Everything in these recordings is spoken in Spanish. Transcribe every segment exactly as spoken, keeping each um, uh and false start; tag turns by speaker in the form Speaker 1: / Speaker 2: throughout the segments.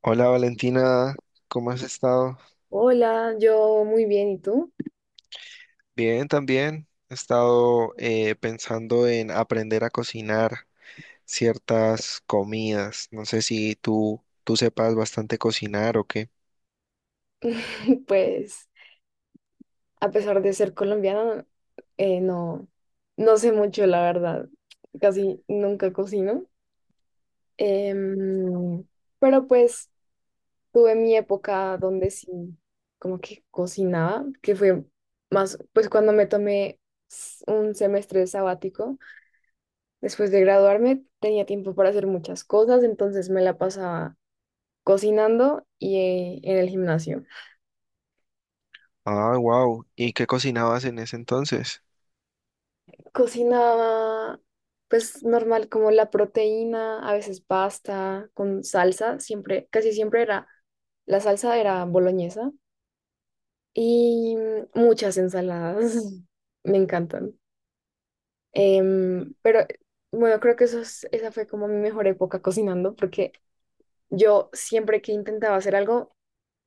Speaker 1: Hola Valentina, ¿cómo has estado?
Speaker 2: Hola, yo muy bien, ¿y tú?
Speaker 1: Bien, también. He estado eh, pensando en aprender a cocinar ciertas comidas. No sé si tú, tú sepas bastante cocinar o qué.
Speaker 2: Pues a pesar de ser colombiana, eh, no, no sé mucho, la verdad. Casi nunca cocino. Em, pero pues tuve mi época donde sí, como que cocinaba, que fue más, pues cuando me tomé s- un semestre sabático, después de graduarme, tenía tiempo para hacer muchas cosas, entonces me la pasaba cocinando y, eh, en el gimnasio.
Speaker 1: Ah, wow. ¿Y qué cocinabas en ese entonces?
Speaker 2: Cocinaba, pues normal, como la proteína, a veces pasta con salsa, siempre, casi siempre era, la salsa era boloñesa y muchas ensaladas, me encantan. Em, pero bueno, creo que eso es- esa fue como mi mejor época cocinando, porque yo siempre que intentaba hacer algo,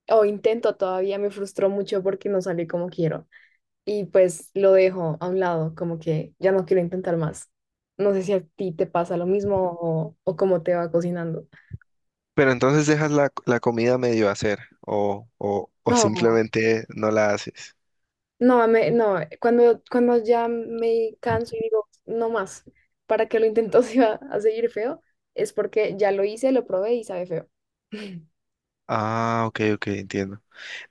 Speaker 2: o intento todavía, me frustró mucho porque no salió como quiero, y pues lo dejo a un lado, como que ya no quiero intentar más. No sé si a ti te pasa lo mismo o, o cómo te va cocinando.
Speaker 1: Pero entonces dejas la, la comida medio hacer o, o, o
Speaker 2: No,
Speaker 1: simplemente no la haces.
Speaker 2: no, me- no, cuando, cuando ya me canso y digo, no más, ¿para qué lo intento si va a seguir feo? Es porque ya lo hice, lo probé y sabe feo.
Speaker 1: Ah, ok, ok, entiendo.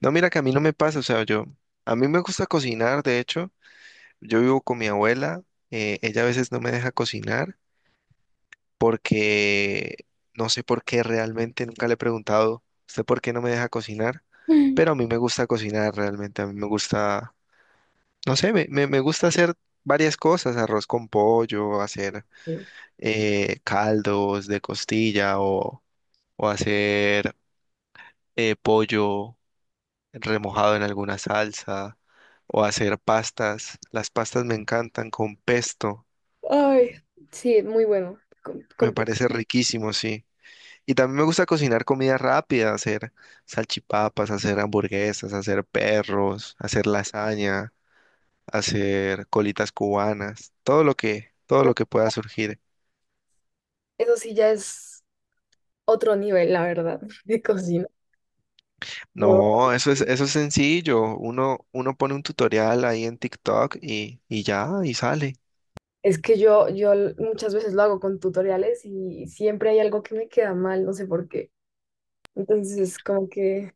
Speaker 1: No, mira que a mí no me pasa, o sea, yo, a mí me gusta cocinar, de hecho. Yo vivo con mi abuela, eh, ella a veces no me deja cocinar porque no sé por qué realmente, nunca le he preguntado, ¿usted por qué no me deja cocinar? Pero a mí me gusta cocinar realmente, a mí me gusta, no sé, me, me- me gusta hacer varias cosas, arroz con pollo, hacer
Speaker 2: Sí.
Speaker 1: eh, caldos de costilla o, o hacer eh, pollo remojado en alguna salsa o hacer pastas. Las pastas me encantan con pesto.
Speaker 2: Ay, sí, muy bueno. Con-
Speaker 1: Me
Speaker 2: con pe-
Speaker 1: parece riquísimo, sí. Y también me gusta cocinar comida rápida, hacer salchipapas, hacer hamburguesas, hacer perros, hacer lasaña, hacer colitas cubanas, todo lo que, todo lo que pueda surgir.
Speaker 2: Eso sí ya es otro nivel, la verdad, de cocina. Yo
Speaker 1: No, eso es, eso es sencillo. Uno, uno pone un tutorial ahí en TikTok y, y ya, y sale.
Speaker 2: Es que yo, yo muchas veces lo hago con tutoriales y siempre hay algo que me queda mal, no sé por qué. Entonces, como que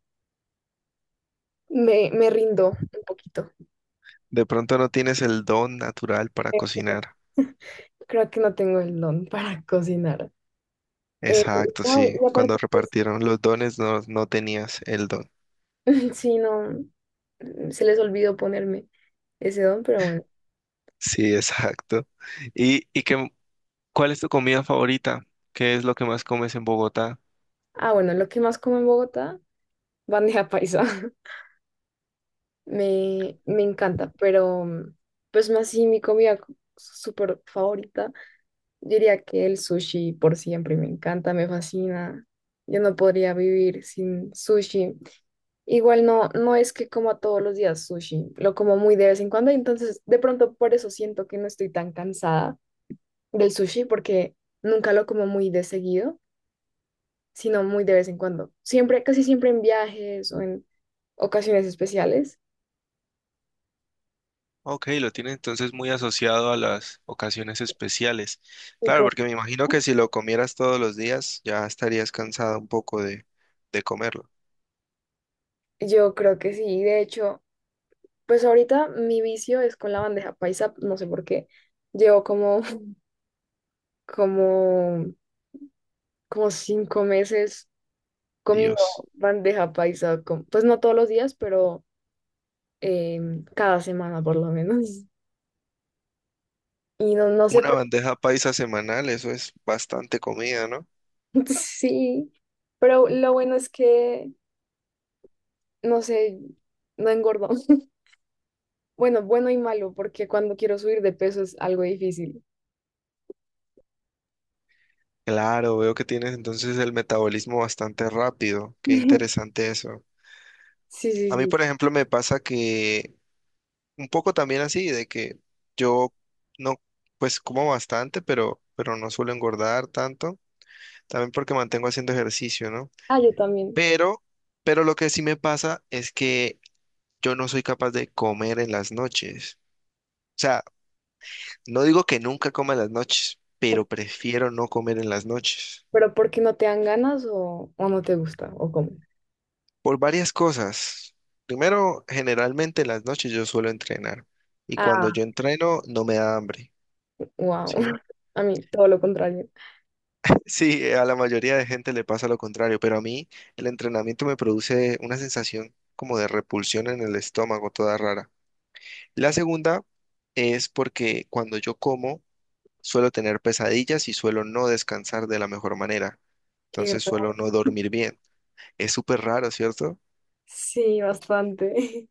Speaker 2: me, me rindo un poquito.
Speaker 1: De pronto no tienes el don natural para
Speaker 2: Creo que no
Speaker 1: cocinar.
Speaker 2: Creo que no tengo el don para cocinar. Eh,
Speaker 1: Exacto,
Speaker 2: no, y
Speaker 1: sí. Cuando
Speaker 2: aparte, pues,
Speaker 1: repartieron los dones no, no tenías el don.
Speaker 2: sí, no, mm, se les olvidó ponerme ese don, pero bueno.
Speaker 1: Sí, exacto. ¿Y, y qué, ¿Cuál es tu comida favorita? ¿Qué es lo que más comes en Bogotá?
Speaker 2: Ah, bueno, lo que más como en Bogotá, bandeja paisa. Me, me encanta, pero mm, pues más sí, mi comida súper favorita. Yo diría que el sushi, por siempre me encanta, me fascina. Yo no podría vivir sin sushi. Igual no, no es que coma todos los días sushi, lo como muy de vez en cuando, entonces de pronto por eso siento que no estoy tan cansada del sushi porque nunca lo como muy de seguido, sino muy de vez en cuando. Siempre, casi siempre en viajes o en ocasiones especiales.
Speaker 1: Ok, lo tiene entonces muy asociado a las ocasiones especiales.
Speaker 2: Y
Speaker 1: Claro,
Speaker 2: como-
Speaker 1: porque me imagino que si lo comieras todos los días, ya estarías cansada un poco de, de comerlo.
Speaker 2: yo creo que sí, de hecho, pues ahorita mi vicio es con la bandeja paisa, no sé por qué. Llevo como como, como cinco meses comiendo
Speaker 1: Dios.
Speaker 2: bandeja paisa, con- pues no todos los días, pero em, cada semana por lo menos. Y no, no sé,
Speaker 1: Una
Speaker 2: por-
Speaker 1: bandeja paisa semanal, eso es bastante comida, ¿no?
Speaker 2: Sí, pero lo bueno es que, no sé, no engordo. Bueno, bueno y malo, porque cuando quiero subir de peso es algo difícil.
Speaker 1: Claro, veo que tienes entonces el metabolismo bastante rápido. Qué interesante eso.
Speaker 2: Sí, sí,
Speaker 1: A mí,
Speaker 2: sí.
Speaker 1: por ejemplo, me pasa que un poco también así, de que yo no, pues como bastante, pero, pero no suelo engordar tanto, también porque mantengo haciendo ejercicio, ¿no?
Speaker 2: Ah, yo también.
Speaker 1: Pero, pero lo que sí me pasa es que yo no soy capaz de comer en las noches. O sea, no digo que nunca coma en las noches,
Speaker 2: Ok,
Speaker 1: pero prefiero no comer en las noches.
Speaker 2: pero ¿por qué no te dan ganas o, o no te gusta o cómo?
Speaker 1: Por varias cosas. Primero, generalmente en las noches yo suelo entrenar y cuando
Speaker 2: Ah,
Speaker 1: yo entreno no me da hambre,
Speaker 2: wow.
Speaker 1: ¿sí?
Speaker 2: A mí todo lo contrario.
Speaker 1: Sí, eh, a la mayoría de gente le pasa lo contrario, pero a mí el entrenamiento me produce una sensación como de repulsión en el estómago, toda rara. La segunda es porque cuando yo como suelo tener pesadillas y suelo no descansar de la mejor manera,
Speaker 2: Qué
Speaker 1: entonces
Speaker 2: raro.
Speaker 1: suelo no dormir bien. Es súper raro, ¿cierto?
Speaker 2: Sí, bastante,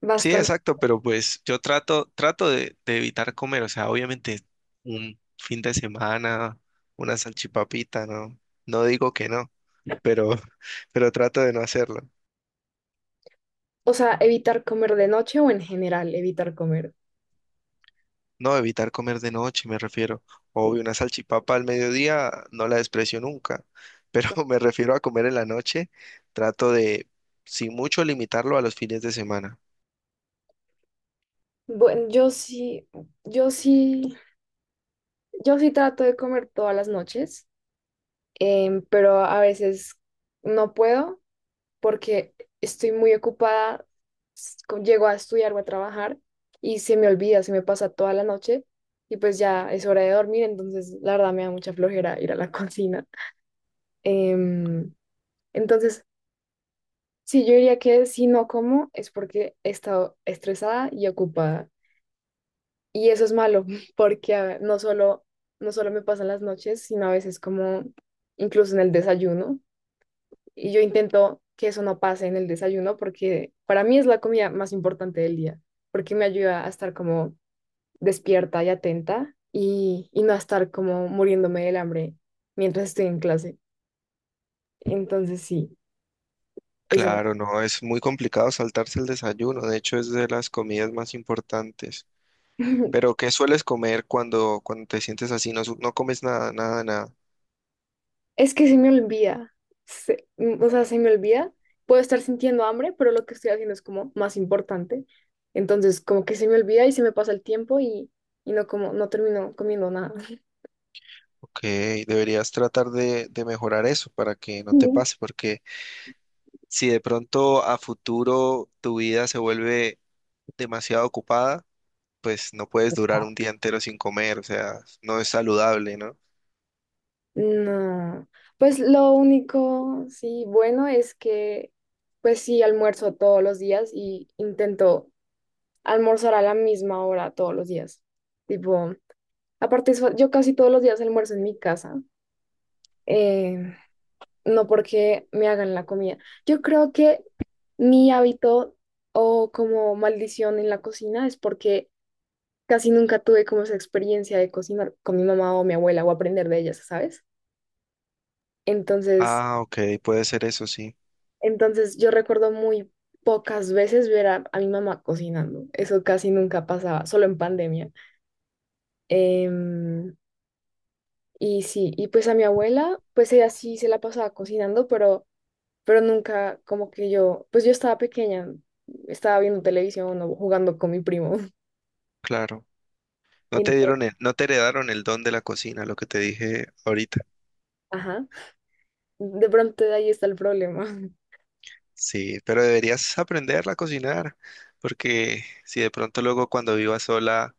Speaker 1: Sí,
Speaker 2: bastante.
Speaker 1: exacto, pero pues yo trato, trato de, de evitar comer, o sea, obviamente un fin de semana, una salchipapita, ¿no? No digo que no. Pero, pero trato de no hacerlo.
Speaker 2: O sea, ¿evitar comer de noche o en general evitar comer?
Speaker 1: No, evitar comer de noche, me refiero.
Speaker 2: Sí.
Speaker 1: Obvio, una salchipapa al mediodía no la desprecio nunca, pero me refiero a comer en la noche. Trato de, sin mucho, limitarlo a los fines de semana.
Speaker 2: Bueno, yo sí, yo sí, yo sí trato de comer todas las noches, em, pero a veces no puedo porque estoy muy ocupada, s- co- llego a estudiar o a trabajar y se me olvida, se me pasa toda la noche y pues ya es hora de dormir, entonces la verdad me da mucha flojera ir a la cocina. Em, entonces, sí, yo diría que si no como es porque he estado estresada y ocupada. Y eso es malo, porque a ver, no solo, no solo me pasan las noches, sino a veces como incluso en el desayuno. Y yo intento que eso no pase en el desayuno porque para mí es la comida más importante del día, porque me ayuda a estar como despierta y atenta, y, y no a estar como muriéndome del hambre mientras estoy en clase. Entonces sí, eso.
Speaker 1: Claro, no, es muy complicado saltarse el desayuno. De hecho, es de las comidas más importantes. Pero, ¿qué sueles comer cuando, cuando te sientes así? No, su- no comes nada, nada, nada.
Speaker 2: Es que se me olvida. Se- mm, o sea, se me olvida. Puedo estar sintiendo hambre, pero lo que estoy haciendo es como más importante. Entonces, como que se me olvida y se me pasa el tiempo y, y no como, no termino comiendo nada.
Speaker 1: Ok, deberías tratar de, de mejorar eso para que no te
Speaker 2: Bien.
Speaker 1: pase, porque si de pronto a futuro tu vida se vuelve demasiado ocupada, pues no puedes durar un día entero sin comer, o sea, no es saludable, ¿no?
Speaker 2: No. Pues lo único, sí, bueno es que, pues sí, almuerzo todos los días y intento almorzar a la misma hora todos los días. Tipo, aparte, eso- yo casi todos los días almuerzo en mi casa. eh, no porque me hagan la comida. Yo creo que mi hábito o como maldición en la cocina es porque casi nunca tuve como esa experiencia de cocinar con mi mamá o mi abuela o aprender de ellas, ¿sabes? Entonces,
Speaker 1: Ah, ok, puede ser eso, sí,
Speaker 2: entonces yo recuerdo muy pocas veces ver a, a mi mamá cocinando. Eso casi nunca pasaba, solo en pandemia. Em, y sí, y pues a mi abuela, pues ella sí se la pasaba cocinando, pero pero nunca como que yo, pues yo estaba pequeña, estaba viendo televisión o jugando con mi primo.
Speaker 1: claro. No
Speaker 2: Y-
Speaker 1: te dieron el- no te heredaron el don de la cocina, lo que te dije ahorita.
Speaker 2: ajá, de pronto de ahí está el problema.
Speaker 1: Sí, pero deberías aprenderla a cocinar, porque si de pronto luego cuando vivas sola,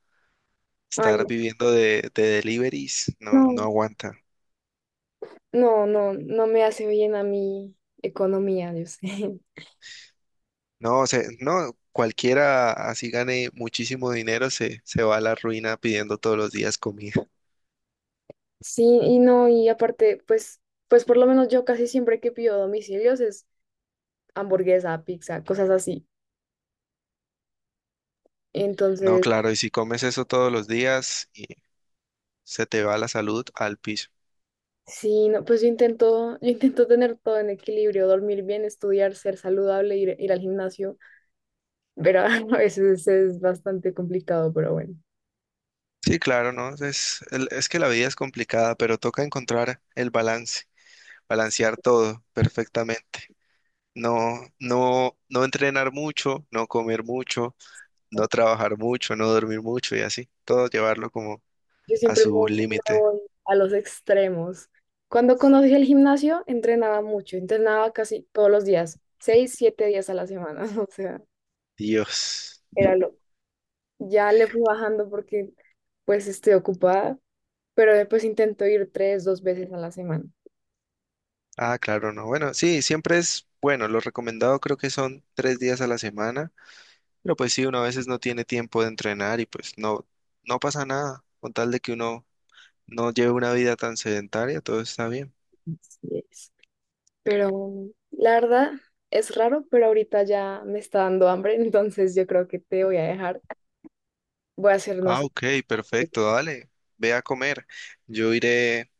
Speaker 2: Ay,
Speaker 1: estar viviendo de, de deliveries, no, no
Speaker 2: no,
Speaker 1: aguanta.
Speaker 2: no, no, no me hace bien a mi economía, yo sé.
Speaker 1: No, o sea, no, cualquiera así gane muchísimo dinero se, se va a la ruina pidiendo todos los días comida.
Speaker 2: Sí, y no, y aparte, pues, pues por lo menos yo casi siempre que pido domicilios es hamburguesa, pizza, cosas así.
Speaker 1: No,
Speaker 2: Entonces,
Speaker 1: claro, y si comes eso todos los días y se te va la salud al piso.
Speaker 2: sí, no, pues yo intento, yo intento tener todo en equilibrio, dormir bien, estudiar, ser saludable, ir, ir al gimnasio, pero a veces es bastante complicado, pero bueno.
Speaker 1: Sí, claro, no, es, el- es que la vida es complicada, pero toca encontrar el balance, balancear todo perfectamente. No, no, no entrenar mucho, no comer mucho, no trabajar mucho, no dormir mucho y así, todo llevarlo como
Speaker 2: Yo
Speaker 1: a
Speaker 2: siempre me
Speaker 1: su
Speaker 2: Me
Speaker 1: límite.
Speaker 2: voy a los extremos. Cuando conocí el gimnasio, entrenaba mucho, entrenaba casi todos los días, seis, siete días a la semana, o sea,
Speaker 1: Dios.
Speaker 2: era loco. Ya le fui bajando porque pues estoy ocupada, pero después intento ir tres, dos veces a la semana.
Speaker 1: Ah, claro, no. Bueno, sí, siempre es bueno. Lo recomendado creo que son tres días a la semana, pero pues sí, uno a veces no tiene tiempo de entrenar y pues no, no pasa nada. Con tal de que uno no lleve una vida tan sedentaria, todo está bien.
Speaker 2: Así es. Pero la verdad es raro, pero ahorita ya me está dando hambre, entonces yo creo que te voy a dejar. Voy a hacer, no
Speaker 1: Ah,
Speaker 2: sé,
Speaker 1: ok, perfecto, dale. Ve a comer. Yo iré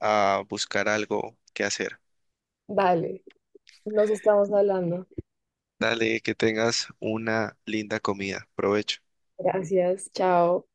Speaker 1: a buscar algo que hacer.
Speaker 2: dale. Nos estamos hablando.
Speaker 1: Dale, que tengas una linda comida. Provecho.
Speaker 2: Gracias. Chao.